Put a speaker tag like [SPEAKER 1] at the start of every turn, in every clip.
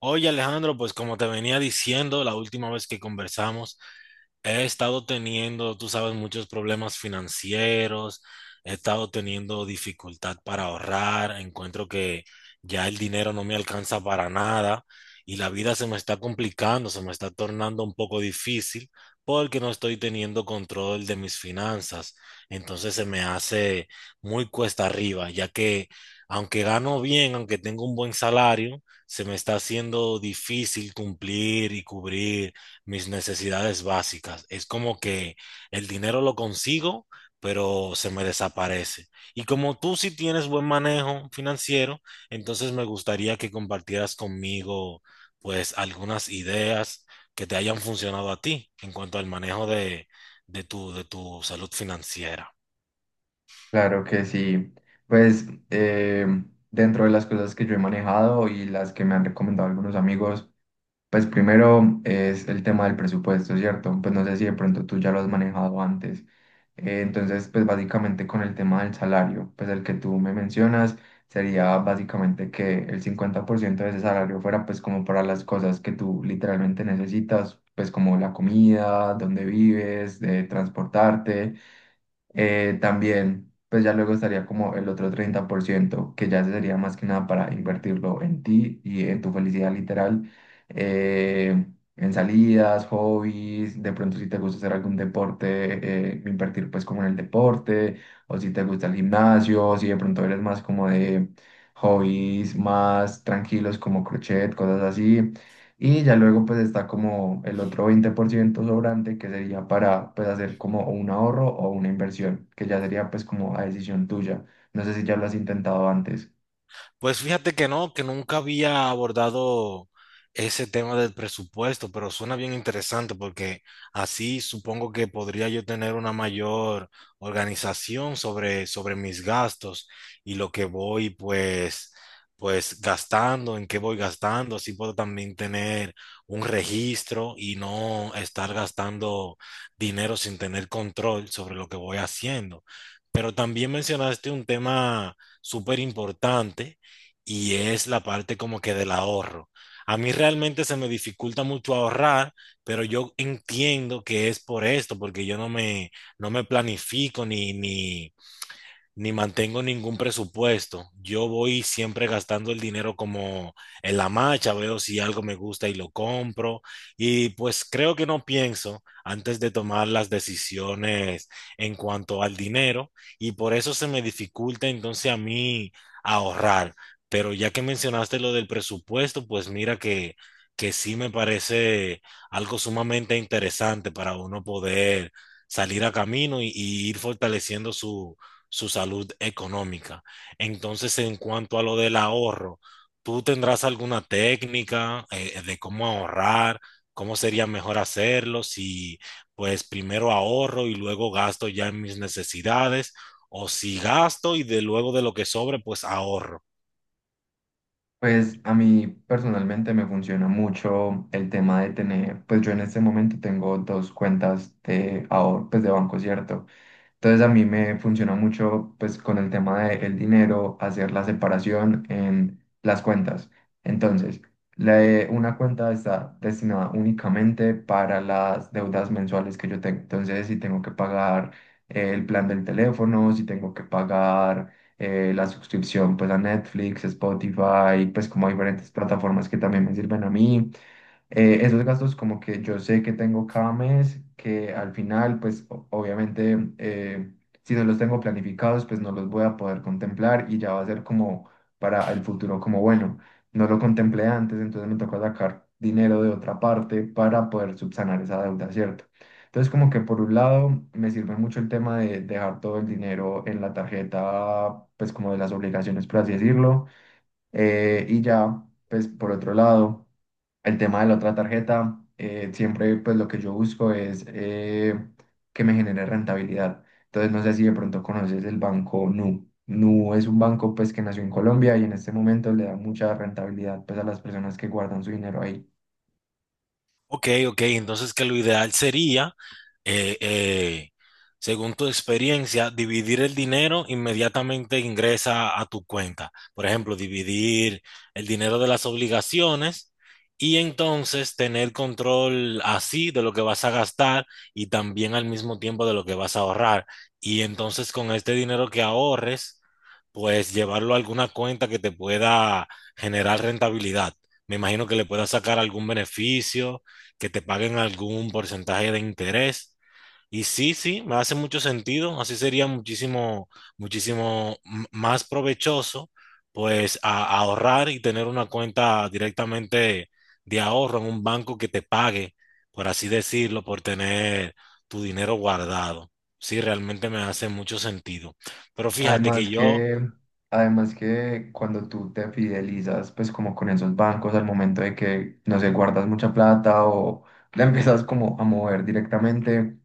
[SPEAKER 1] Oye, Alejandro, pues como te venía diciendo la última vez que conversamos, he estado teniendo, tú sabes, muchos problemas financieros, he estado teniendo dificultad para ahorrar, encuentro que ya el dinero no me alcanza para nada y la vida se me está complicando, se me está tornando un poco difícil porque no estoy teniendo control de mis finanzas. Entonces se me hace muy cuesta arriba, ya que aunque gano bien, aunque tengo un buen salario, se me está haciendo difícil cumplir y cubrir mis necesidades básicas. Es como que el dinero lo consigo, pero se me desaparece. Y como tú sí tienes buen manejo financiero, entonces me gustaría que compartieras conmigo pues algunas ideas que te hayan funcionado a ti en cuanto al manejo de tu salud financiera.
[SPEAKER 2] Claro que sí. Pues dentro de las cosas que yo he manejado y las que me han recomendado algunos amigos, pues primero es el tema del presupuesto, ¿cierto? Pues no sé si de pronto tú ya lo has manejado antes. Entonces, pues básicamente con el tema del salario, pues el que tú me mencionas sería básicamente que el 50% de ese salario fuera pues como para las cosas que tú literalmente necesitas, pues como la comida, dónde vives, de transportarte, también, pues ya luego estaría como el otro 30% que ya sería más que nada para invertirlo en ti y en tu felicidad literal, eh, en salidas, hobbies, de pronto si te gusta hacer algún deporte, invertir pues como en el deporte, o si te gusta el gimnasio, si de pronto eres más como de hobbies más tranquilos como crochet, cosas así, y ya luego pues está como el otro 20% sobrante que sería para pues hacer como un ahorro o una inversión, que ya sería pues como a decisión tuya. No sé si ya lo has intentado antes.
[SPEAKER 1] Pues fíjate que no, que nunca había abordado ese tema del presupuesto, pero suena bien interesante porque así supongo que podría yo tener una mayor organización sobre mis gastos y lo que voy pues, pues gastando, en qué voy gastando, así puedo también tener un registro y no estar gastando dinero sin tener control sobre lo que voy haciendo. Pero también mencionaste un tema súper importante y es la parte como que del ahorro. A mí realmente se me dificulta mucho ahorrar, pero yo entiendo que es por esto, porque yo no me planifico ni mantengo ningún presupuesto. Yo voy siempre gastando el dinero como en la marcha, veo si algo me gusta y lo compro. Y pues creo que no pienso antes de tomar las decisiones en cuanto al dinero y por eso se me dificulta entonces a mí ahorrar. Pero ya que mencionaste lo del presupuesto, pues mira que sí me parece algo sumamente interesante para uno poder salir a camino y ir fortaleciendo su su salud económica. Entonces, en cuanto a lo del ahorro, ¿tú tendrás alguna técnica de cómo ahorrar? ¿Cómo sería mejor hacerlo? Si pues primero ahorro y luego gasto ya en mis necesidades, o si gasto y de luego de lo que sobre, pues ahorro.
[SPEAKER 2] Pues a mí personalmente me funciona mucho el tema de tener, pues yo en este momento tengo dos cuentas de ahorro, pues de banco, ¿cierto? Entonces a mí me funciona mucho pues con el tema del dinero, hacer la separación en las cuentas. Entonces, la- una cuenta está destinada únicamente para las deudas mensuales que yo tengo. Entonces, si tengo que pagar el plan del teléfono, si tengo que pagar la suscripción pues a Netflix, Spotify, pues como a diferentes plataformas que también me sirven a mí, esos gastos como que yo sé que tengo cada mes, que al final, pues obviamente, si no los tengo planificados, pues no los voy a poder contemplar y ya va a ser como para el futuro, como bueno, no lo contemplé antes, entonces me toca sacar dinero de otra parte para poder subsanar esa deuda, ¿cierto? Entonces como que por un lado me sirve mucho el tema de dejar todo el dinero en la tarjeta, pues como de las obligaciones, por así decirlo, y ya, pues por otro lado. El tema de la otra tarjeta, siempre pues lo que yo busco es que me genere rentabilidad. Entonces no sé si de pronto conoces el banco Nu. Nu es un banco pues que nació en Colombia y en este momento le da mucha rentabilidad pues a las personas que guardan su dinero ahí.
[SPEAKER 1] Ok, ok, entonces que lo ideal sería eh, eh, según tu experiencia, dividir el dinero inmediatamente ingresa a tu cuenta. Por ejemplo, dividir el dinero de las obligaciones y entonces tener control así de lo que vas a gastar y también al mismo tiempo de lo que vas a ahorrar. Y entonces con este dinero que ahorres, pues llevarlo a alguna cuenta que te pueda generar rentabilidad. Me imagino que le puedas sacar algún beneficio, que te paguen algún porcentaje de interés. Y sí, sí, me hace mucho sentido. Así sería muchísimo, muchísimo más provechoso, pues, a ahorrar y tener una cuenta directamente de ahorro en un banco que te pague, por así decirlo, por tener tu dinero guardado. Sí, realmente me hace mucho sentido. Pero fíjate
[SPEAKER 2] Además
[SPEAKER 1] que yo,
[SPEAKER 2] que, además que cuando tú te fidelizas pues como con esos bancos al momento de que, no sé, guardas mucha plata o la empiezas como a mover directamente,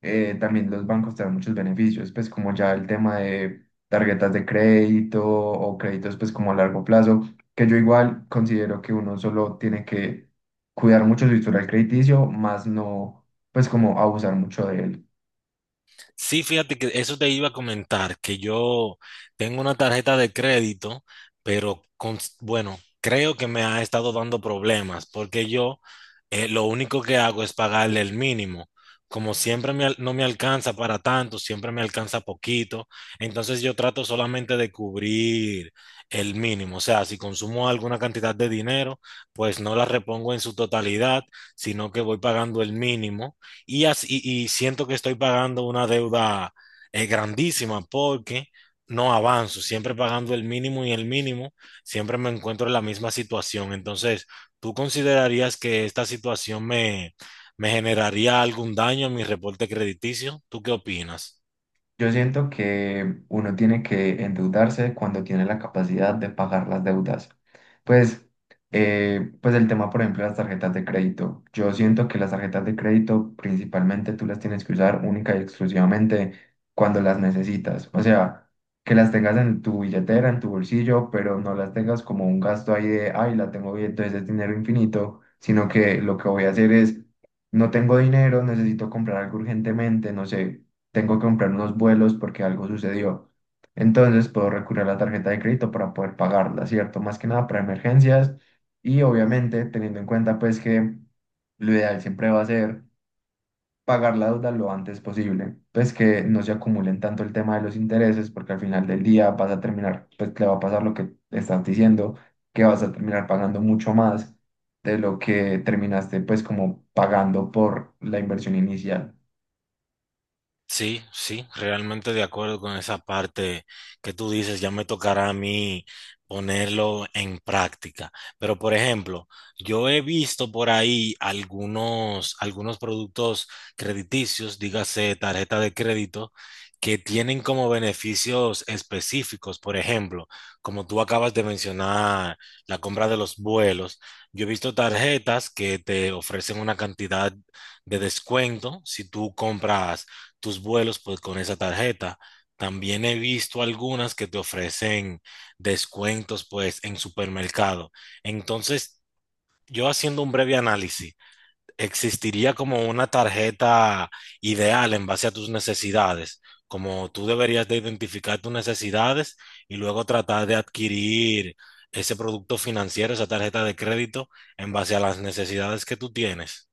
[SPEAKER 2] también los bancos te dan muchos beneficios, pues como ya el tema de tarjetas de crédito o créditos pues como a largo plazo, que yo igual considero que uno solo tiene que cuidar mucho su historial crediticio, más no pues como abusar mucho de él.
[SPEAKER 1] sí, fíjate que eso te iba a comentar, que yo tengo una tarjeta de crédito, pero con, bueno, creo que me ha estado dando problemas, porque yo lo único que hago es pagarle el mínimo. Como siempre no me alcanza para tanto, siempre me alcanza poquito, entonces yo trato solamente de cubrir el mínimo. O sea, si consumo alguna cantidad de dinero, pues no la repongo en su totalidad, sino que voy pagando el mínimo y, así, y siento que estoy pagando una deuda grandísima porque no avanzo, siempre pagando el mínimo y el mínimo, siempre me encuentro en la misma situación. Entonces, ¿tú considerarías que esta situación me generaría algún daño en mi reporte crediticio? ¿Tú qué opinas?
[SPEAKER 2] Yo siento que uno tiene que endeudarse cuando tiene la capacidad de pagar las deudas. Pues, pues el tema, por ejemplo, de las tarjetas de crédito. Yo siento que las tarjetas de crédito principalmente tú las tienes que usar única y exclusivamente cuando las necesitas. O sea, que las tengas en tu billetera, en tu bolsillo, pero no las tengas como un gasto ahí de, ay, la tengo bien, entonces es dinero infinito, sino que lo que voy a hacer es... No tengo dinero, necesito comprar algo urgentemente, no sé, tengo que comprar unos vuelos porque algo sucedió. Entonces puedo recurrir a la tarjeta de crédito para poder pagarla, ¿cierto? Más que nada para emergencias y obviamente teniendo en cuenta pues que lo ideal siempre va a ser pagar la deuda lo antes posible, pues que no se acumulen tanto el tema de los intereses porque al final del día vas a terminar, pues te va a pasar lo que estás diciendo, que vas a terminar pagando mucho más de lo que terminaste pues como pagando por la inversión inicial.
[SPEAKER 1] Sí, sí, realmente de acuerdo con esa parte que tú dices, ya me tocará a mí ponerlo en práctica. Pero, por ejemplo, yo he visto por ahí algunos productos crediticios, dígase tarjeta de crédito, que tienen como beneficios específicos. Por ejemplo, como tú acabas de mencionar, la compra de los vuelos. Yo he visto tarjetas que te ofrecen una cantidad de descuento si tú compras tus vuelos pues, con esa tarjeta. También he visto algunas que te ofrecen descuentos pues en supermercado. Entonces, yo haciendo un breve análisis, existiría como una tarjeta ideal en base a tus necesidades, como tú deberías de identificar tus necesidades y luego tratar de adquirir ese producto financiero, esa tarjeta de crédito en base a las necesidades que tú tienes.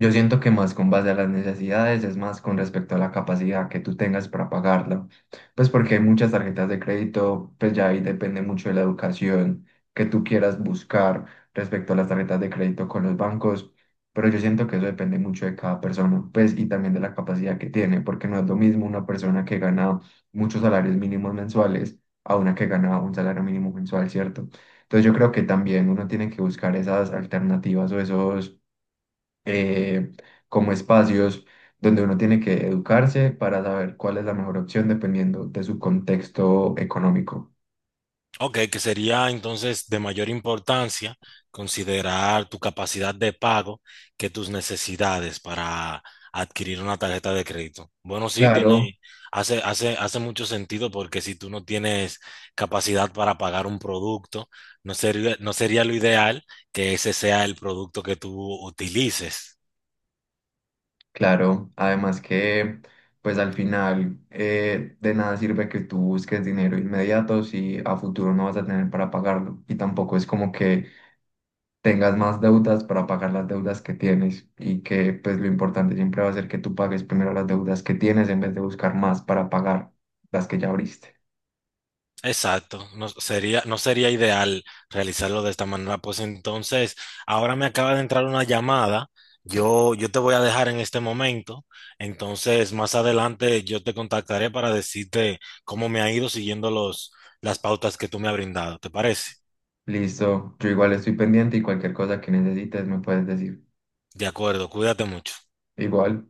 [SPEAKER 2] Yo siento que más con base a las necesidades es más con respecto a la capacidad que tú tengas para pagarla. Pues porque hay muchas tarjetas de crédito, pues ya ahí depende mucho de la educación que tú quieras buscar respecto a las tarjetas de crédito con los bancos. Pero yo siento que eso depende mucho de cada persona, pues y también de la capacidad que tiene, porque no es lo mismo una persona que gana muchos salarios mínimos mensuales a una que gana un salario mínimo mensual, ¿cierto? Entonces yo creo que también uno tiene que buscar esas alternativas o esos eh, como espacios donde uno tiene que educarse para saber cuál es la mejor opción dependiendo de su contexto económico.
[SPEAKER 1] Ok, que sería entonces de mayor importancia considerar tu capacidad de pago que tus necesidades para adquirir una tarjeta de crédito. Bueno, sí,
[SPEAKER 2] Claro.
[SPEAKER 1] tiene, hace mucho sentido porque si tú no tienes capacidad para pagar un producto, no sería lo ideal que ese sea el producto que tú utilices.
[SPEAKER 2] Claro, además que pues al final de nada sirve que tú busques dinero inmediato si a futuro no vas a tener para pagarlo y tampoco es como que tengas más deudas para pagar las deudas que tienes y que pues lo importante siempre va a ser que tú pagues primero las deudas que tienes en vez de buscar más para pagar las que ya abriste.
[SPEAKER 1] Exacto, no sería ideal realizarlo de esta manera. Pues entonces, ahora me acaba de entrar una llamada. Yo te voy a dejar en este momento. Entonces, más adelante yo te contactaré para decirte cómo me ha ido siguiendo las pautas que tú me has brindado. ¿Te parece?
[SPEAKER 2] Listo, yo igual estoy pendiente y cualquier cosa que necesites me puedes decir.
[SPEAKER 1] De acuerdo, cuídate mucho.
[SPEAKER 2] Igual.